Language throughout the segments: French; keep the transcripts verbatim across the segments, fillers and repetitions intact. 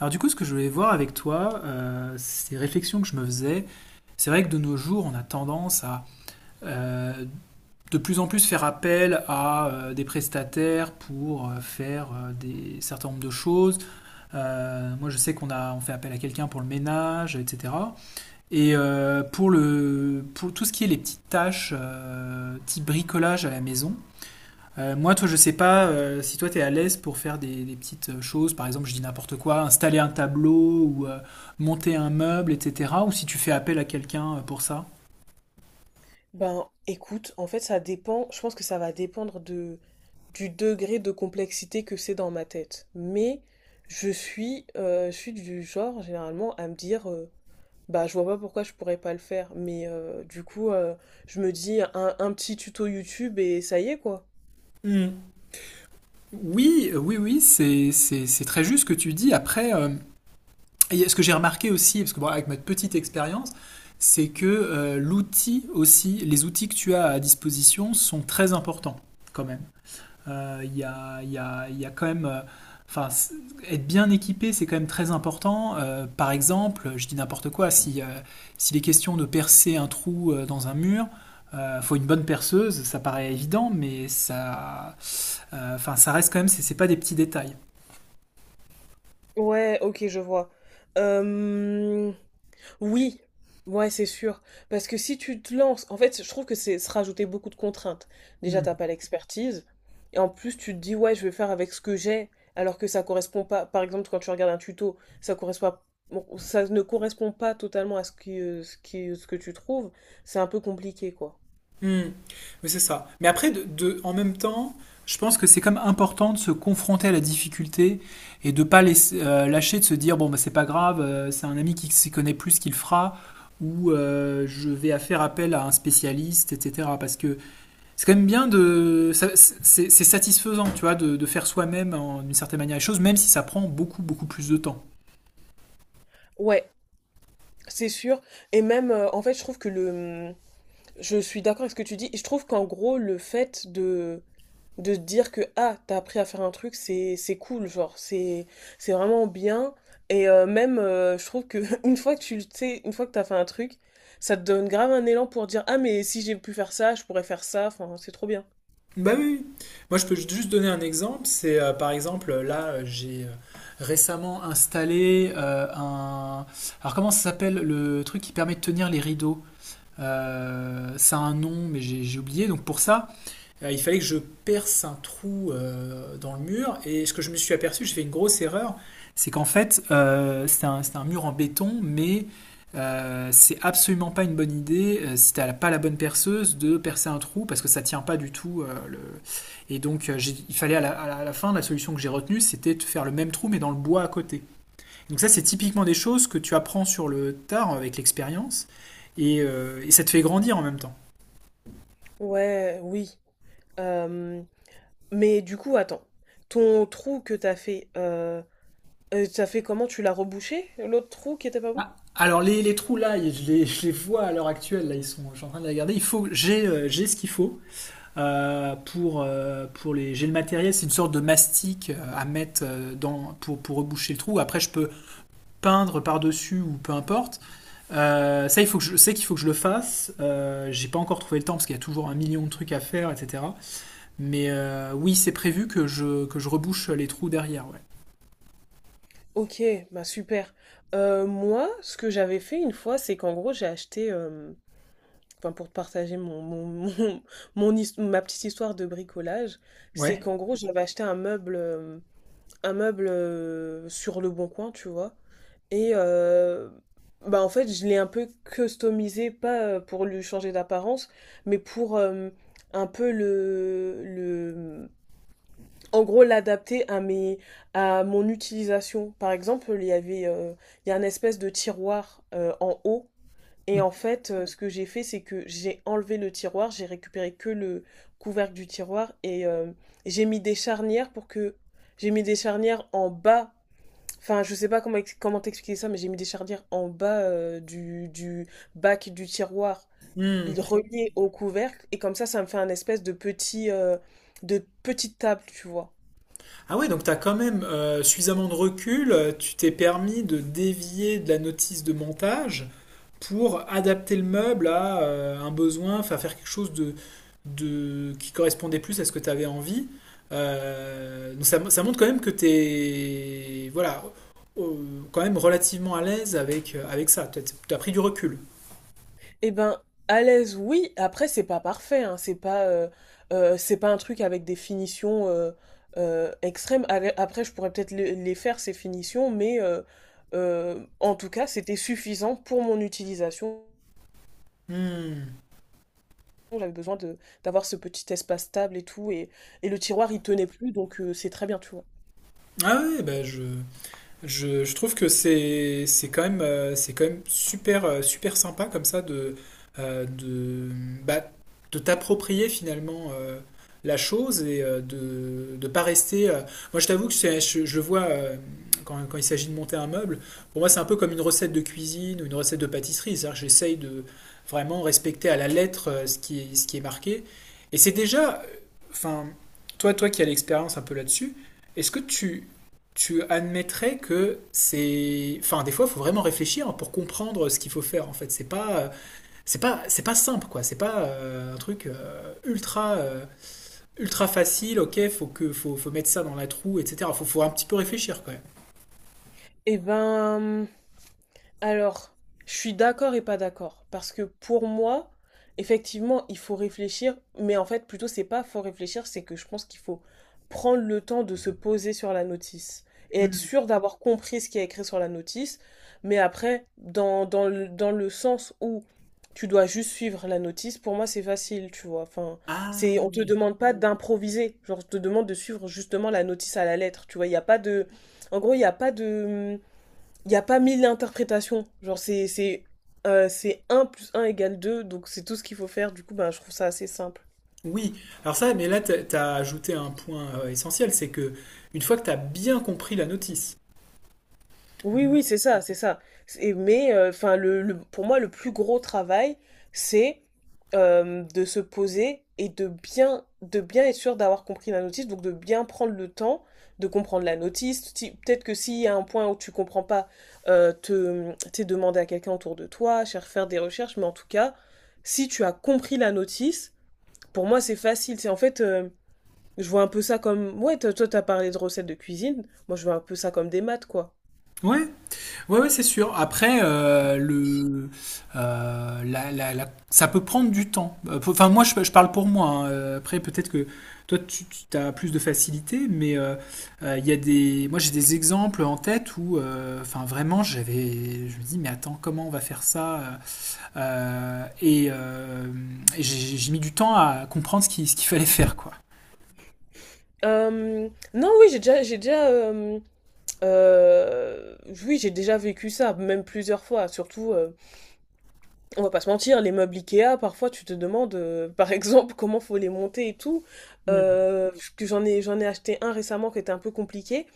Alors du coup, ce que je voulais voir avec toi, euh, ces réflexions que je me faisais, c'est vrai que de nos jours, on a tendance à euh, de plus en plus faire appel à euh, des prestataires pour euh, faire euh, des certain nombre de choses. Euh, moi, je sais qu'on a on fait appel à quelqu'un pour le ménage, et cetera. Et euh, pour le pour tout ce qui est les petites tâches euh, type bricolage à la maison, euh, moi, toi, je sais pas euh, si toi, tu es à l'aise pour faire des, des petites euh, choses. Par exemple, je dis n'importe quoi, installer un tableau ou euh, monter un meuble, et cetera. Ou si tu fais appel à quelqu'un euh, pour ça. Ben, écoute, en fait, ça dépend. Je pense que ça va dépendre de, du degré de complexité que c'est dans ma tête. Mais je suis, euh, je suis du genre, généralement, à me dire, euh, bah, je vois pas pourquoi je pourrais pas le faire. Mais euh, du coup, euh, je me dis un, un petit tuto YouTube et ça y est, quoi. Hmm. Oui, euh, oui, oui, c'est, c'est, c'est très juste ce que tu dis. Après, euh, et ce que j'ai remarqué aussi, parce que bon, avec ma petite expérience, c'est que euh, l'outil aussi, les outils que tu as à disposition sont très importants quand même. Euh, Il y a, il y, a, il y, a, quand même. euh, Enfin, c- être bien équipé, c'est quand même très important. Euh, par exemple, je dis n'importe quoi, si, euh, s'il est question de percer un trou euh, dans un mur, il faut une bonne perceuse, ça paraît évident, mais ça, euh, enfin, ça reste quand même, c'est, c'est pas des petits détails. Ouais, ok, je vois. Euh, Oui, ouais, c'est sûr. Parce que si tu te lances, en fait, je trouve que c'est se rajouter beaucoup de contraintes. Déjà, t'as Mmh. pas l'expertise. Et en plus, tu te dis, ouais, je vais faire avec ce que j'ai, alors que ça correspond pas. Par exemple, quand tu regardes un tuto, ça correspond pas- bon, ça ne correspond pas totalement à ce qui, euh, ce qui, ce que tu trouves. C'est un peu compliqué, quoi. Hmm. Oui, c'est ça. Mais après, de, de- en même temps, je pense que c'est comme important de se confronter à la difficulté et de pas laisser- euh, lâcher, de se dire, bon, bah, c'est pas grave, euh, c'est un ami qui s'y connaît plus qu'il fera, ou euh, je vais à faire appel à un spécialiste, et cetera. Parce que c'est quand même bien de... ça- C'est c'est satisfaisant, tu vois, de, de faire soi-même, en- d'une certaine manière, les choses, même si ça prend beaucoup, beaucoup plus de temps. Ouais, c'est sûr. Et même, euh, en fait, je trouve que le... Je suis d'accord avec ce que tu dis. Et je trouve qu'en gros, le fait de de se dire que ah, t'as appris à faire un truc, c'est c'est cool, genre c'est c'est vraiment bien, et euh, même euh, je trouve que une fois que tu le tu sais, une fois que t'as fait un truc, ça te donne grave un élan pour dire ah, mais si j'ai pu faire ça, je pourrais faire ça, enfin c'est trop bien. Bah oui, oui. Moi, je peux juste donner un exemple. C'est euh, par exemple, là, euh, j'ai euh, récemment installé euh, un. Alors, comment ça s'appelle le truc qui permet de tenir les rideaux? Euh, ça a un nom, mais j'ai j'ai oublié. Donc, pour ça, euh, il fallait que je perce un trou euh, dans le mur. Et ce que je me suis aperçu, j'ai fait une grosse erreur, c'est qu'en fait, euh, c'est un, c'est un mur en béton, mais euh, c'est absolument pas une bonne idée, euh, si t'as pas la bonne perceuse, de percer un trou, parce que ça tient pas du tout. euh, le... Et donc, euh, j'ai- il fallait à la, à la- à la fin, la solution que j'ai retenue, c'était de faire le même trou, mais dans le bois à côté. Donc ça, c'est typiquement des choses que tu apprends sur le tard avec l'expérience, et, euh, et ça te fait grandir en même temps. Ouais, oui. Euh, mais du coup, attends, ton trou que t'as fait, euh, euh, t'as fait comment, tu l'as rebouché, l'autre trou qui était pas bon? Ah, alors les, les trous là, je les, je les vois à l'heure actuelle, là ils sont, je suis en train de les regarder. Il faut, j'ai, euh, j'ai ce qu'il faut euh, pour, euh, pour les, j'ai le matériel, c'est une sorte de mastic euh, à mettre euh, dans pour, pour reboucher le trou. Après je peux peindre par dessus ou peu importe. Euh, ça il faut que je sais qu'il faut que je le fasse. Euh, j'ai pas encore trouvé le temps parce qu'il y a toujours un million de trucs à faire, et cetera. Mais euh, oui c'est prévu que je que je rebouche les trous derrière, ouais. Ok, bah super. Euh, moi, ce que j'avais fait une fois, c'est qu'en gros, j'ai acheté, euh, enfin pour te partager mon, mon, mon, mon his- ma petite histoire de bricolage, c'est Ouais. qu'en gros, j'avais acheté un meuble, euh, un meuble euh, sur Le Bon Coin, tu vois. Et euh, bah en fait, je l'ai un peu customisé, pas euh, pour lui changer d'apparence, mais pour euh, un peu le, le, en gros, l'adapter à mes, à mon utilisation. Par exemple, il y avait, euh, il y a un espèce de tiroir euh, en haut. Et en fait, euh, ce que j'ai fait, c'est que j'ai enlevé le tiroir, j'ai récupéré que le couvercle du tiroir, et euh, j'ai mis des charnières pour que... j'ai mis des charnières en bas. Enfin, je sais pas comment, ex- comment t'expliquer ça, mais j'ai mis des chardières en bas euh, du, du bac du tiroir, Hmm. relié au couvercle, et comme ça, ça me fait un espèce de petit, euh, de petite table, tu vois. Ah ouais, donc t'as quand même euh, suffisamment de recul, euh, tu t'es permis de dévier de la notice de montage pour adapter le meuble à euh, un besoin, enfin faire quelque chose de, de, qui correspondait plus à ce que tu avais envie. Euh, donc ça, ça montre quand même que tu es voilà, euh, quand même relativement à l'aise avec, euh, avec ça. Tu as pris du recul. Eh ben, à l'aise, oui. Après, c'est pas parfait, hein. C'est pas, euh, euh, c'est pas un truc avec des finitions euh, euh, extrêmes. Ale- Après, je pourrais peut-être les, les faire ces finitions, mais euh, euh, en tout cas, c'était suffisant pour mon utilisation. Hmm. J'avais besoin de d'avoir ce petit espace stable et tout, et et le tiroir, il tenait plus, donc heu, c'est très bien, tu vois? Ah ouais, ben je, Je, je trouve que c'est c'est quand même, euh, c'est quand même super, euh, super sympa comme ça de, euh, de, bah, de t'approprier finalement euh, la chose et euh, de ne pas rester. euh, Moi, je t'avoue que c'est- je, je le vois euh, quand, quand il s'agit de monter un meuble. Pour moi, c'est un peu comme une recette de cuisine ou une recette de pâtisserie. C'est-à-dire que j'essaye de vraiment respecter à la lettre euh, ce qui est, ce qui est marqué. Et c'est déjà, enfin, toi, toi qui as l'expérience un peu là-dessus, est-ce que tu, tu admettrais que c'est. Enfin, des fois, il faut vraiment réfléchir pour comprendre ce qu'il faut faire. En fait, c'est pas. C'est pas, c'est pas simple, quoi. C'est pas euh, un truc euh, ultra, euh, ultra facile. Ok, faut que, faut, faut mettre ça dans la troue, et cetera. Faut, faut un petit peu réfléchir, quand même. Et ben, mmh Alors, je suis d'accord et pas d'accord. Parce que pour moi, effectivement, il faut réfléchir. Mais en fait, plutôt, c'est pas faut réfléchir, c'est que je pense qu'il faut prendre le temps de se poser sur la notice et être Hmm. sûr d'avoir compris ce qui est écrit sur la notice. Mais après, dans, dans le, dans le sens où tu dois juste suivre la notice, pour moi, c'est facile, tu vois. Enfin, c'est, Ah on te demande pas d'improviser. Genre, on te demande de suivre justement la notice à la lettre. Tu vois, il n'y a pas de... En gros, il n'y a pas de il n'y a pas mille interprétations. Genre, c'est, c'est, euh, c'est un plus un égale deux, donc c'est tout ce qu'il faut faire. Du coup, ben, je trouve ça assez simple. oui. Alors ça, mais là, t'as, t'as ajouté un point euh, essentiel, c'est que une fois que t'as bien compris la notice. Oui, oui, c'est ça, c'est ça. C'est- mais euh, 'fin, le, le- pour moi, le plus gros travail, c'est euh, de se poser et de bien, de bien être sûr d'avoir compris la notice, donc de bien prendre le temps de comprendre la notice. Si- peut-être que s'il y a un point où tu comprends pas, euh, te, t'es demandé à quelqu'un autour de toi, cher- faire des recherches, mais en tout cas, si tu as compris la notice, pour moi, c'est facile. C'est en fait, euh, je vois un peu ça comme... Ouais, toi, toi, t'as parlé de recettes de cuisine. Moi, je vois un peu ça comme des maths, quoi. Ouais, oui, ouais, ouais, c'est sûr. Après, euh, le, euh, la- la- la- ça peut prendre du temps. Euh, pour- Enfin, moi, je, je parle pour moi, hein. Euh, Après, peut-être que toi, tu as plus de facilité, mais euh, euh, il y a des, moi, j'ai des exemples en tête où, euh, enfin, vraiment, j'avais, je me dis, mais attends, comment on va faire ça? Euh, euh, et euh, et j'ai j'ai mis du temps à comprendre ce qu'il ce qu'il fallait faire, quoi. Euh, Non, oui, j'ai déjà, j'ai déjà, euh, euh, oui, j'ai déjà vécu ça, même plusieurs fois. Surtout, euh, on va pas se mentir, les meubles Ikea, parfois, tu te demandes, euh, par exemple, comment faut les monter et tout. Mm, Euh, que j'en ai, j'en ai acheté un récemment qui était un peu compliqué,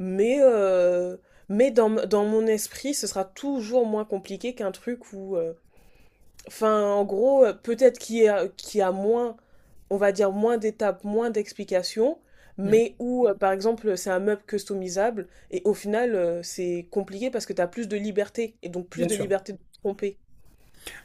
mais euh, mais dans, m- dans mon esprit, ce sera toujours moins compliqué qu'un truc où, euh, enfin, en gros, euh, peut-être qu'il y a, qu'il y a moins, on va dire, moins d'étapes, moins d'explications, mm, mais où, euh, par exemple, c'est un meuble customisable, et au final, euh, c'est compliqué parce que tu as plus de liberté, et donc plus bien de sûr. liberté de te tromper.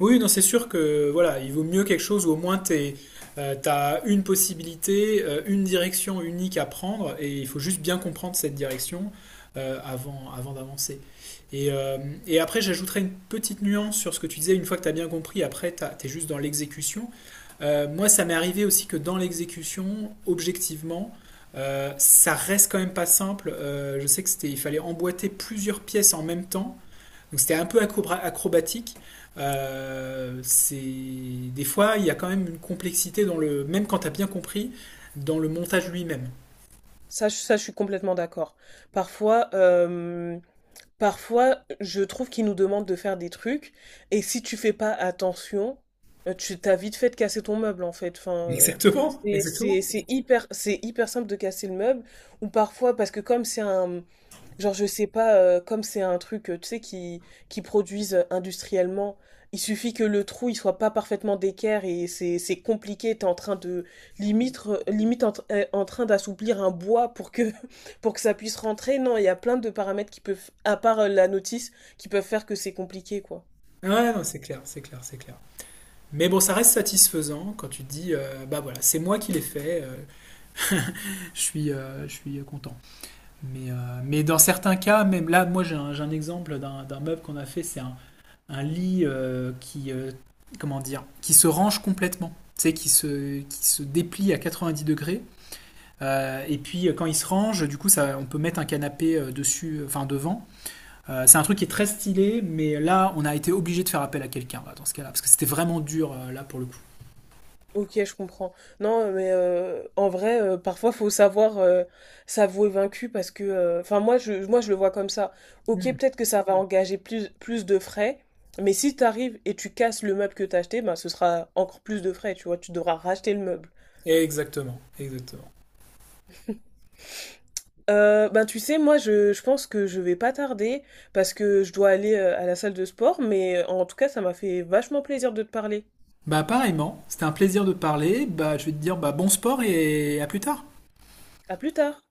Oui, non, c'est sûr que voilà, il vaut mieux quelque chose où au moins tu as une possibilité, euh, une direction unique à prendre, et il faut juste bien comprendre cette direction euh, avant, avant d'avancer. Et, euh, et après, j'ajouterai une petite nuance sur ce que tu disais, une fois que tu as bien compris, après, tu es juste dans l'exécution. Euh, moi, ça m'est arrivé aussi que dans l'exécution, objectivement, euh, ça reste quand même pas simple. Euh, je sais que c'était, il fallait emboîter plusieurs pièces en même temps donc c'était un peu acrobatique. Euh, c'est des fois il y a quand même une complexité dans le même quand t'as bien compris dans le montage lui-même. Ça, je- ça, je suis complètement d'accord. Parfois, euh, Parfois, je trouve qu'ils nous demandent de faire des trucs, et si tu fais pas attention, euh, tu t'as vite fait de casser ton meuble, en fait. Enfin, euh, Exactement, c'est c'est- exactement. c'est hyper, c'est hyper simple de casser le meuble, ou parfois parce que comme c'est un, genre, je sais pas, euh, comme c'est un truc, euh, tu sais, qui, qui produisent euh, industriellement, il suffit que le trou, il soit pas parfaitement d'équerre, et c'est, c'est compliqué, t'es en train de, limite, re- limite en, tr- euh, en train d'assouplir un bois pour que, pour que ça puisse rentrer. Non, il y a plein de paramètres qui peuvent, à part euh, la notice, qui peuvent faire que c'est compliqué, quoi. Ouais, non, c'est clair, c'est clair, c'est clair. Mais bon, ça reste satisfaisant quand tu te dis, euh, bah voilà, c'est moi qui l'ai fait, euh, je suis, euh, je suis content. Mais, euh, mais dans certains cas, même là, moi j'ai un, j'ai un exemple d'un d'un meuble qu'on a fait, c'est un, un lit euh, qui, euh, comment dire, qui se range complètement, tu sais, qui se, qui se déplie à quatre-vingt-dix degrés. Euh, et puis euh, quand il se range, du coup, ça, on peut mettre un canapé euh, dessus, euh, enfin devant. Euh, c'est un truc qui est très stylé, mais là, on a été obligé de faire appel à quelqu'un là, dans ce cas-là, parce que c'était vraiment dur euh, là pour le coup. Ok, je comprends. Non, euh, mais euh, en vrai, euh, parfois, faut savoir euh, s'avouer vaincu parce que, euh, enfin, moi, je, moi, je le vois comme ça. Ok, peut-être que ça va engager plus, plus de frais, mais si tu arrives et tu casses le meuble que t'as acheté, ben, ce sera encore plus de frais, tu vois, tu devras racheter le meuble. Exactement, exactement. Euh, ben, tu sais, moi, je, je pense que je vais pas tarder parce que je dois aller euh, à la salle de sport, mais euh, en tout cas, ça m'a fait vachement plaisir de te parler. Bah pareillement, c'était un plaisir de parler. Bah je vais te dire bah bon sport et à plus tard. À plus tard!